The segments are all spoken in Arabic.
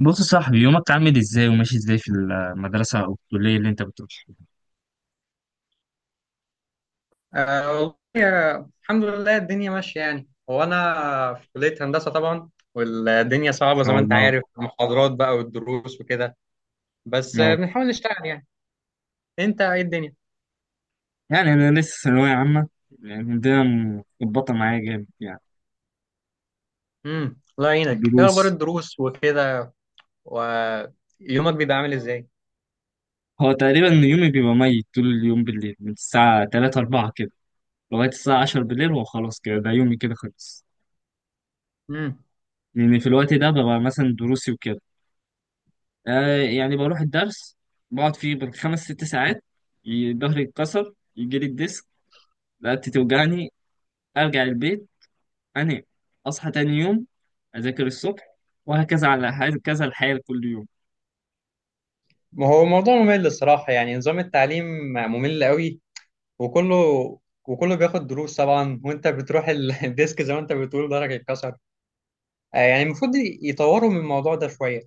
بص يا صاحبي، يومك عامل ازاي وماشي ازاي في المدرسة أو الكلية اللي أنت بتروحها؟ والله الحمد لله الدنيا ماشية يعني هو أنا في كلية هندسة طبعا. والدنيا ما صعبة زي شاء ما أنت الله. عارف المحاضرات بقى والدروس وكده. بس أه بنحاول نشتغل يعني. أنت إيه الدنيا؟ يعني أنا لسه ثانوية عامة، يعني الدنيا متظبطة معايا جامد يعني. الله يعينك، إيه دروس. أخبار الدروس وكده ويومك بيبقى عامل إزاي؟ هو تقريبا يومي بيبقى ميت طول اليوم بالليل، من الساعة 3 4 كده لغاية الساعة 10 بالليل، هو خلاص كده، ده يومي كده خلص. امم. لأن في الوقت ده ببقى مثلا دروسي وكده. آه يعني بروح الدرس، بقعد فيه بال5 6 ساعات، ظهري يتكسر، يجيلي الديسك، رقبتي توجعني، أرجع البيت، أنام، أصحى تاني يوم، أذاكر الصبح، وهكذا كذا الحال كل يوم. ما هو موضوع ممل الصراحة، يعني نظام التعليم ممل قوي، وكله وكله بياخد دروس طبعا، وأنت بتروح الديسك زي ما أنت بتقول ضهرك اتكسر. يعني المفروض يطوروا من الموضوع ده شوية.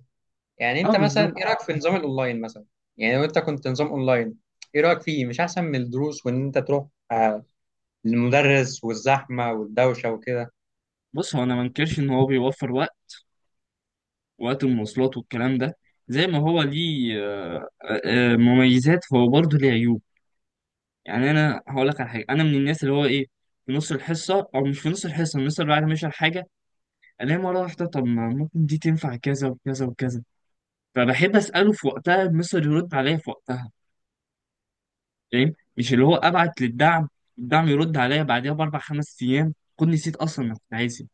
يعني انت أه مثلا بالظبط. ايه رايك في نظام الاونلاين مثلا؟ يعني لو انت كنت نظام اونلاين، ايه رايك فيه؟ مش احسن من الدروس وان انت تروح للمدرس والزحمه والدوشه وكده؟ بص، هو أنا ما انكرش إن هو بيوفر وقت، وقت المواصلات والكلام ده. زي ما هو ليه مميزات، فهو برضه ليه عيوب. يعني أنا هقول لك على حاجة، أنا من الناس اللي هو إيه، في نص الحصة أو مش في نص الحصة، الناس اللي بعد ما يشرح حاجة ألاقي مرة واحدة طب ما ممكن دي تنفع كذا وكذا وكذا، فبحب أسأله في وقتها، المستر يرد عليا في وقتها، فاهم؟ مش اللي هو ابعت للدعم، الدعم يرد عليا بعدها ب4 5 ايام، كنت نسيت اصلا انا كنت عايز إيه.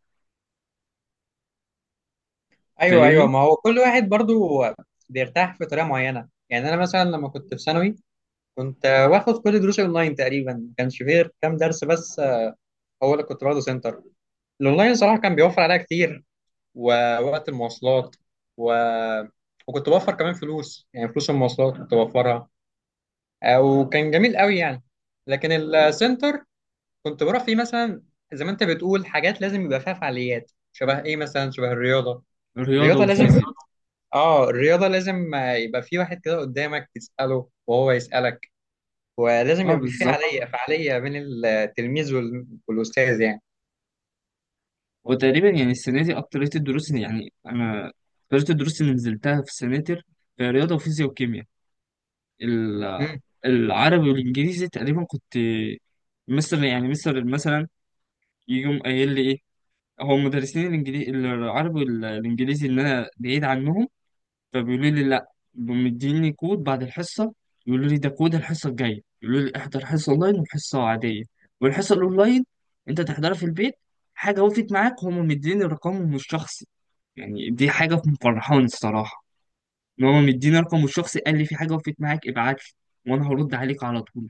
ايوه ايوه. فاهمني. ما هو كل واحد برضو بيرتاح في طريقه معينه. يعني انا مثلا لما كنت في ثانوي، كنت باخد كل دروسي اونلاين تقريبا، ما كانش فيه غير كام درس بس هو اللي كنت باخده سنتر. الاونلاين صراحه كان بيوفر عليا كتير، ووقت المواصلات و... وكنت بوفر كمان فلوس، يعني فلوس المواصلات كنت بوفرها، وكان جميل قوي يعني. لكن السنتر كنت بروح فيه مثلا، زي ما انت بتقول حاجات لازم يبقى فيها فعاليات شبه ايه، مثلا شبه الرياضه. الرياضه الرياضه لازم، والفيزياء. اه الرياضه لازم يبقى في واحد كده قدامك تساله وهو يسالك، ولازم اه يبقى في بالظبط. فعاليه بين التلميذ والاستاذ يعني. وتقريبا يعني السنه دي يعني انا اكتريه الدروس اللي نزلتها في السناتر في رياضه وفيزياء وكيمياء. ال- امم. العربي والانجليزي تقريبا كنت مستر، يعني مستر مثلا يجي يقوم قايل لي ايه، هو مدرسين الانجليزي، العربي والانجليزي اللي انا بعيد عنهم، فبيقولوا لي لا مديني كود بعد الحصه، يقولوا لي ده كود الحصه الجايه، يقولوا لي احضر حصه اونلاين وحصه عاديه، والحصه الاونلاين انت تحضرها في البيت. حاجه وقفت معاك، هم مديني رقمهم الشخصي. يعني دي حاجه مفرحاني الصراحه، ان هم مديني رقمه الشخصي، قال لي في حاجه وقفت معاك ابعت لي وانا هرد عليك على طول.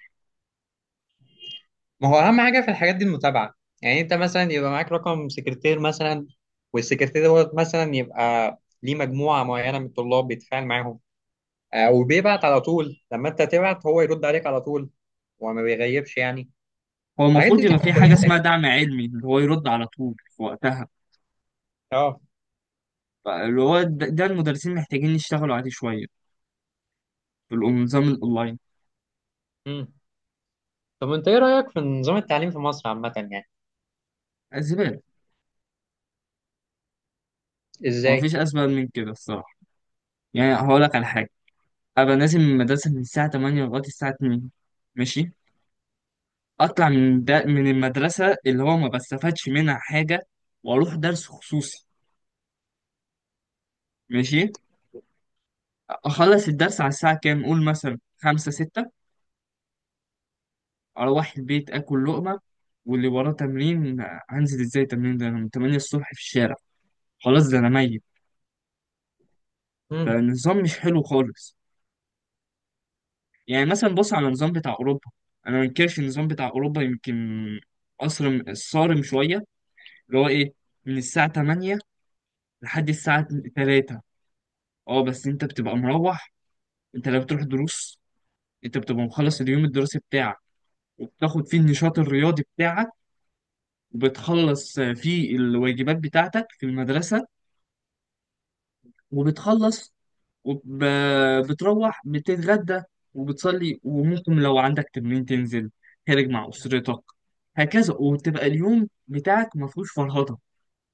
ما هو اهم حاجه في الحاجات دي المتابعه. يعني انت مثلا يبقى معاك رقم سكرتير مثلا، والسكرتير دوت مثلا يبقى ليه مجموعه معينه من الطلاب بيتفاعل معاهم، وبيبعت على طول، لما انت تبعت هو يرد عليك على طول وما بيغيبش يعني. هو الحاجات دي المفروض يبقى في بتبقى حاجه كويسه يعني. اسمها دعم علمي، اللي هو يرد على طول في وقتها. اه. اللي هو ده المدرسين محتاجين يشتغلوا عليه شويه في النظام الاونلاين. امم. طب انت ايه رايك في نظام التعليم في مصر عامه يعني؟ زباله. هو مفيش ازاي؟ اسباب من كده الصراحه، يعني هقول لك على حاجة، أبقى نازل من المدرسة من الساعة 8 لغاية الساعة 2، ماشي. أطلع من دا من المدرسة اللي هو ما بستفادش منها حاجة، وأروح درس خصوصي، ماشي. أخلص الدرس على الساعة كام؟ قول مثلا 5 6. أروح البيت آكل لقمة، واللي وراه تمرين، هنزل إزاي التمرين ده؟ أنا من 8 الصبح في الشارع، خلاص ده أنا ميت. امم. فالنظام مش حلو خالص. يعني مثلا بص على النظام بتاع أوروبا، أنا ما أنكرش النظام بتاع أوروبا، يمكن أصرم صارم شوية، اللي هو ايه، من الساعة 8 لحد الساعة 3. اه بس انت بتبقى مروح، انت لو بتروح دروس، انت بتبقى مخلص اليوم الدراسي بتاعك، وبتاخد فيه النشاط الرياضي بتاعك، وبتخلص فيه الواجبات بتاعتك في المدرسة، وبتخلص، وبتروح بتتغدى، وبتصلي، وممكن لو عندك تمرين تنزل خارج مع أسرتك، هكذا. وتبقى اليوم بتاعك ما فيهوش فرهضة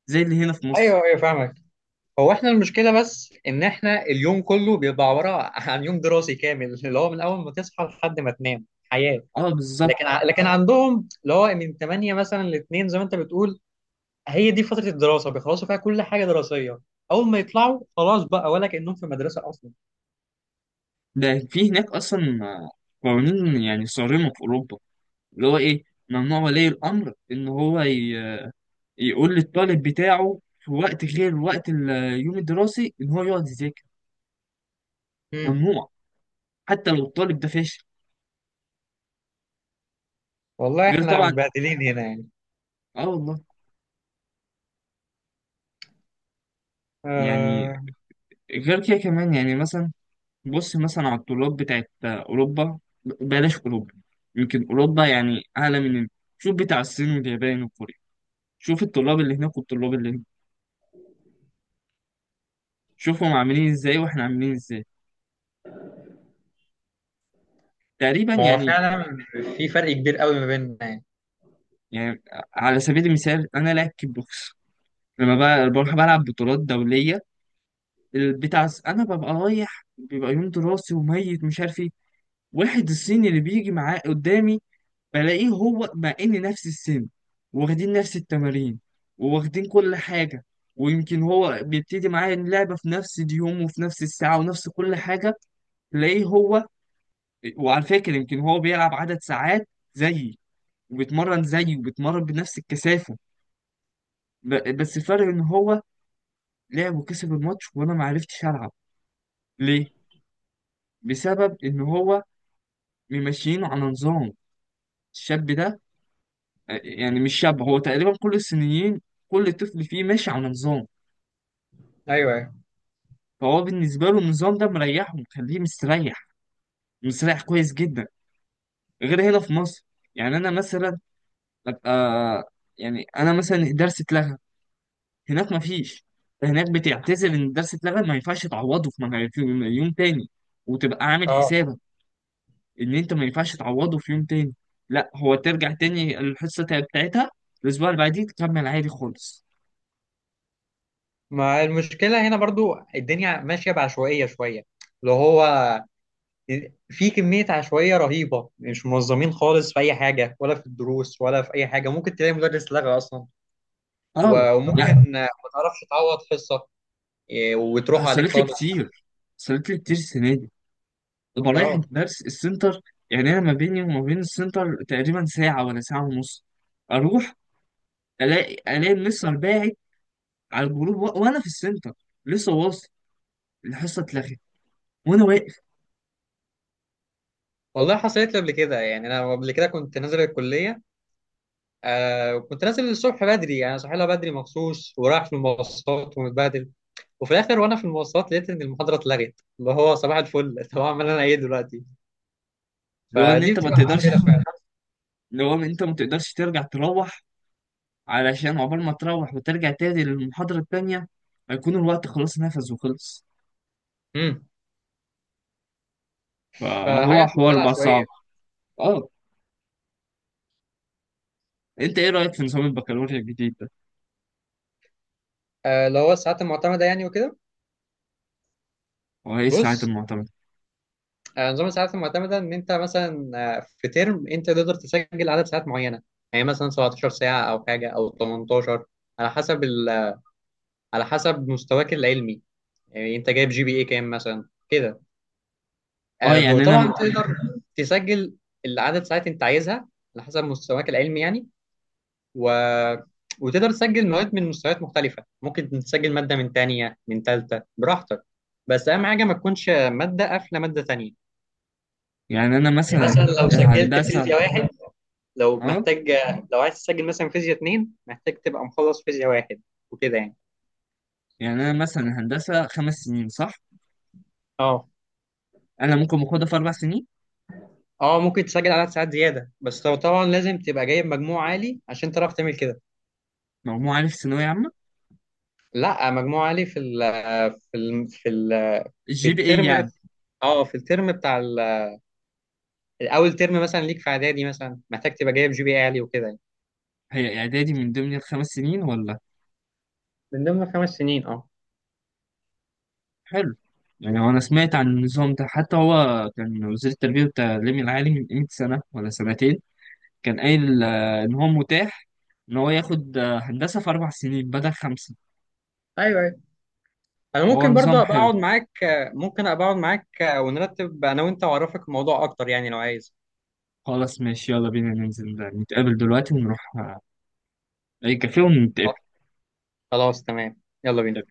زي اللي هنا في مصر. ايوه ايوه فاهمك. هو احنا المشكله بس ان احنا اليوم كله بيبقى عباره عن يوم دراسي كامل، اللي هو من اول ما تصحى لحد ما تنام حياه. اه بالظبط. لكن عندهم اللي هو من 8 مثلا ل 2 زي ما انت بتقول، هي دي فتره الدراسه بيخلصوا فيها كل حاجه دراسيه، اول ما يطلعوا خلاص بقى، ولا كانهم في مدرسه ده في هناك اصلا قوانين يعني صارمه في اوروبا، اللي هو ايه، ممنوع ولي الامر ان هو يقول للطالب بتاعه في وقت غير وقت اليوم الدراسي ان هو يقعد يذاكر، اصلا. ممنوع، حتى لو الطالب ده فاشل. والله غير احنا طبعا. متبهدلين هنا يعني. اه والله. يعني آه. غير كده كمان يعني مثلا، بص مثلا على الطلاب بتاعت اوروبا، بلاش اوروبا، يمكن اوروبا يعني اعلى من، شوف بتاع الصين واليابان وكوريا، شوف الطلاب اللي هناك والطلاب اللي هنا، شوفهم عاملين ازاي واحنا عاملين ازاي، تقريبا ما هو يعني. فعلا في فرق كبير قوي ما بيننا يعني. يعني على سبيل المثال انا لاعب كيك بوكس، لما بقى بروح بلعب بطولات دوليه، البتاع انا ببقى رايح بيبقى يوم دراسي وميت مش عارف ايه، واحد الصيني اللي بيجي معاه قدامي بلاقيه هو مع ان نفس السن، واخدين نفس التمارين، وواخدين كل حاجه، ويمكن هو بيبتدي معايا اللعبه في نفس اليوم وفي نفس الساعه ونفس كل حاجه، تلاقيه هو، وعلى فكره يمكن هو بيلعب عدد ساعات زيي، وبيتمرن زيي وبيتمرن بنفس الكثافه، بس الفرق ان هو لعب وكسب الماتش وانا ما عرفتش العب. ليه؟ بسبب ان هو ممشيينه على نظام. الشاب ده، يعني مش شاب، هو تقريبا كل الصينيين، كل طفل فيه ماشي على نظام. ايوه. فهو بالنسبه له النظام ده مريحه، مخليه مستريح، مستريح كويس جدا، غير هنا في مصر. يعني انا مثلا ابقى، يعني انا مثلا الدرس اتلغى هناك ما فيش، هناك بتعتذر ان الدرس اتلغى، ما ينفعش تعوضه في يوم تاني، وتبقى عامل اه. حسابك ان انت ما ينفعش تعوضه في يوم تاني، لا هو ترجع تاني الحصه بتاعتها الاسبوع اللي بعديه، تكمل عادي خالص. ما المشكله هنا برضو الدنيا ماشيه بعشوائيه شويه، اللي هو في كميه عشوائيه رهيبه، مش منظمين خالص في اي حاجه، ولا في الدروس ولا في اي حاجه. ممكن تلاقي مدرس لغى اصلا، اه لا، وممكن ما تعرفش تعوض حصه، وتروح عليك حصلت لي خالص. كتير، حصلت لي كتير السنه دي. ببقى رايح اه الدرس السنتر، يعني انا ما بيني وما بين السنتر تقريبا ساعه ولا ساعه ونص، اروح الاقي المستر باعت على الجروب وانا في السنتر لسه واصل، الحصه اتلغت وانا واقف. والله حصلت لي قبل كده. يعني انا قبل كده كنت نازل الكليه، آه كنت نازل الصبح بدري، يعني صاحي لها بدري مخصوص ورايح في المواصلات ومتبهدل، وفي الاخر وانا في المواصلات لقيت ان المحاضره اتلغت، اللي هو صباح الفل طب اعمل انا ايه دلوقتي؟ اللي هو ان فدي انت ما بتبقى مشكله تقدرش، فعلا. اللي هو انت ما تقدرش ترجع تروح، علشان عقبال ما تروح وترجع تاني للمحاضرة التانية هيكون الوقت خلاص نفذ وخلص. امم. فهو فحاجه في منتهى حوار بقى العشوائيه. صعب. اه. انت ايه رأيك في نظام البكالوريا الجديد ده؟ آه اللي هو الساعات المعتمده يعني وكده. وايه الساعات بص، المعتمدة؟ آه نظام الساعات المعتمده ان انت مثلا في ترم انت تقدر تسجل عدد ساعات معينه، يعني مثلا 17 ساعه او حاجه او 18، على حسب على حسب مستواك العلمي، يعني انت جايب جي بي اي كام مثلا كده. اه يعني انا، وطبعا تقدر تسجل العدد ساعات انت عايزها على حسب مستواك العلمي يعني. و... وتقدر تسجل مواد من مستويات مختلفة، ممكن تسجل مادة من تانية من تالتة براحتك، بس أهم حاجة ما تكونش مادة قافلة مادة تانية. يعني انا يعني مثلا مثلا لو سجلت الهندسة. فيزياء واحد، لو اه. محتاج، لو عايز تسجل مثلا فيزياء اتنين، محتاج تبقى مخلص فيزياء واحد وكده يعني. يعني انا مثلا الهندسة 5 سنين صح؟ اه. انا ممكن اخدها في 4 سنين. اه ممكن تسجل عدد ساعات زيادة، بس لو طبعا لازم تبقى جايب مجموع عالي عشان تعرف تعمل كده. مجموع عالي في ثانوية عامة؟ لا، مجموعة لي في ال في الجي بي اي الترم. يعني. اه في الترم بتاع اول ترم مثلا ليك في اعدادي، مثلا محتاج تبقى جايب جي بي اي عالي وكده يعني. هي اعدادي من ضمن ال5 سنين ولا؟ من ضمن 5 سنين اه. حلو. يعني هو انا سمعت عن النظام ده، حتى هو كان وزير التربية والتعليم العالي من قيمة سنة ولا سنتين كان قايل إن هو متاح إن هو ياخد هندسة في 4 سنين بدل 5. ايوه ايوه. انا هو ممكن برضه نظام ابقى حلو. اقعد معاك، ممكن ابقى اقعد معاك ونرتب انا وانت واعرفك الموضوع اكتر، يعني لو عايز. خلاص ماشي، يلا بينا ننزل، نتقابل دلوقتي ونروح أي كافيه ونتقابل. خلاص تمام، يلا بينا.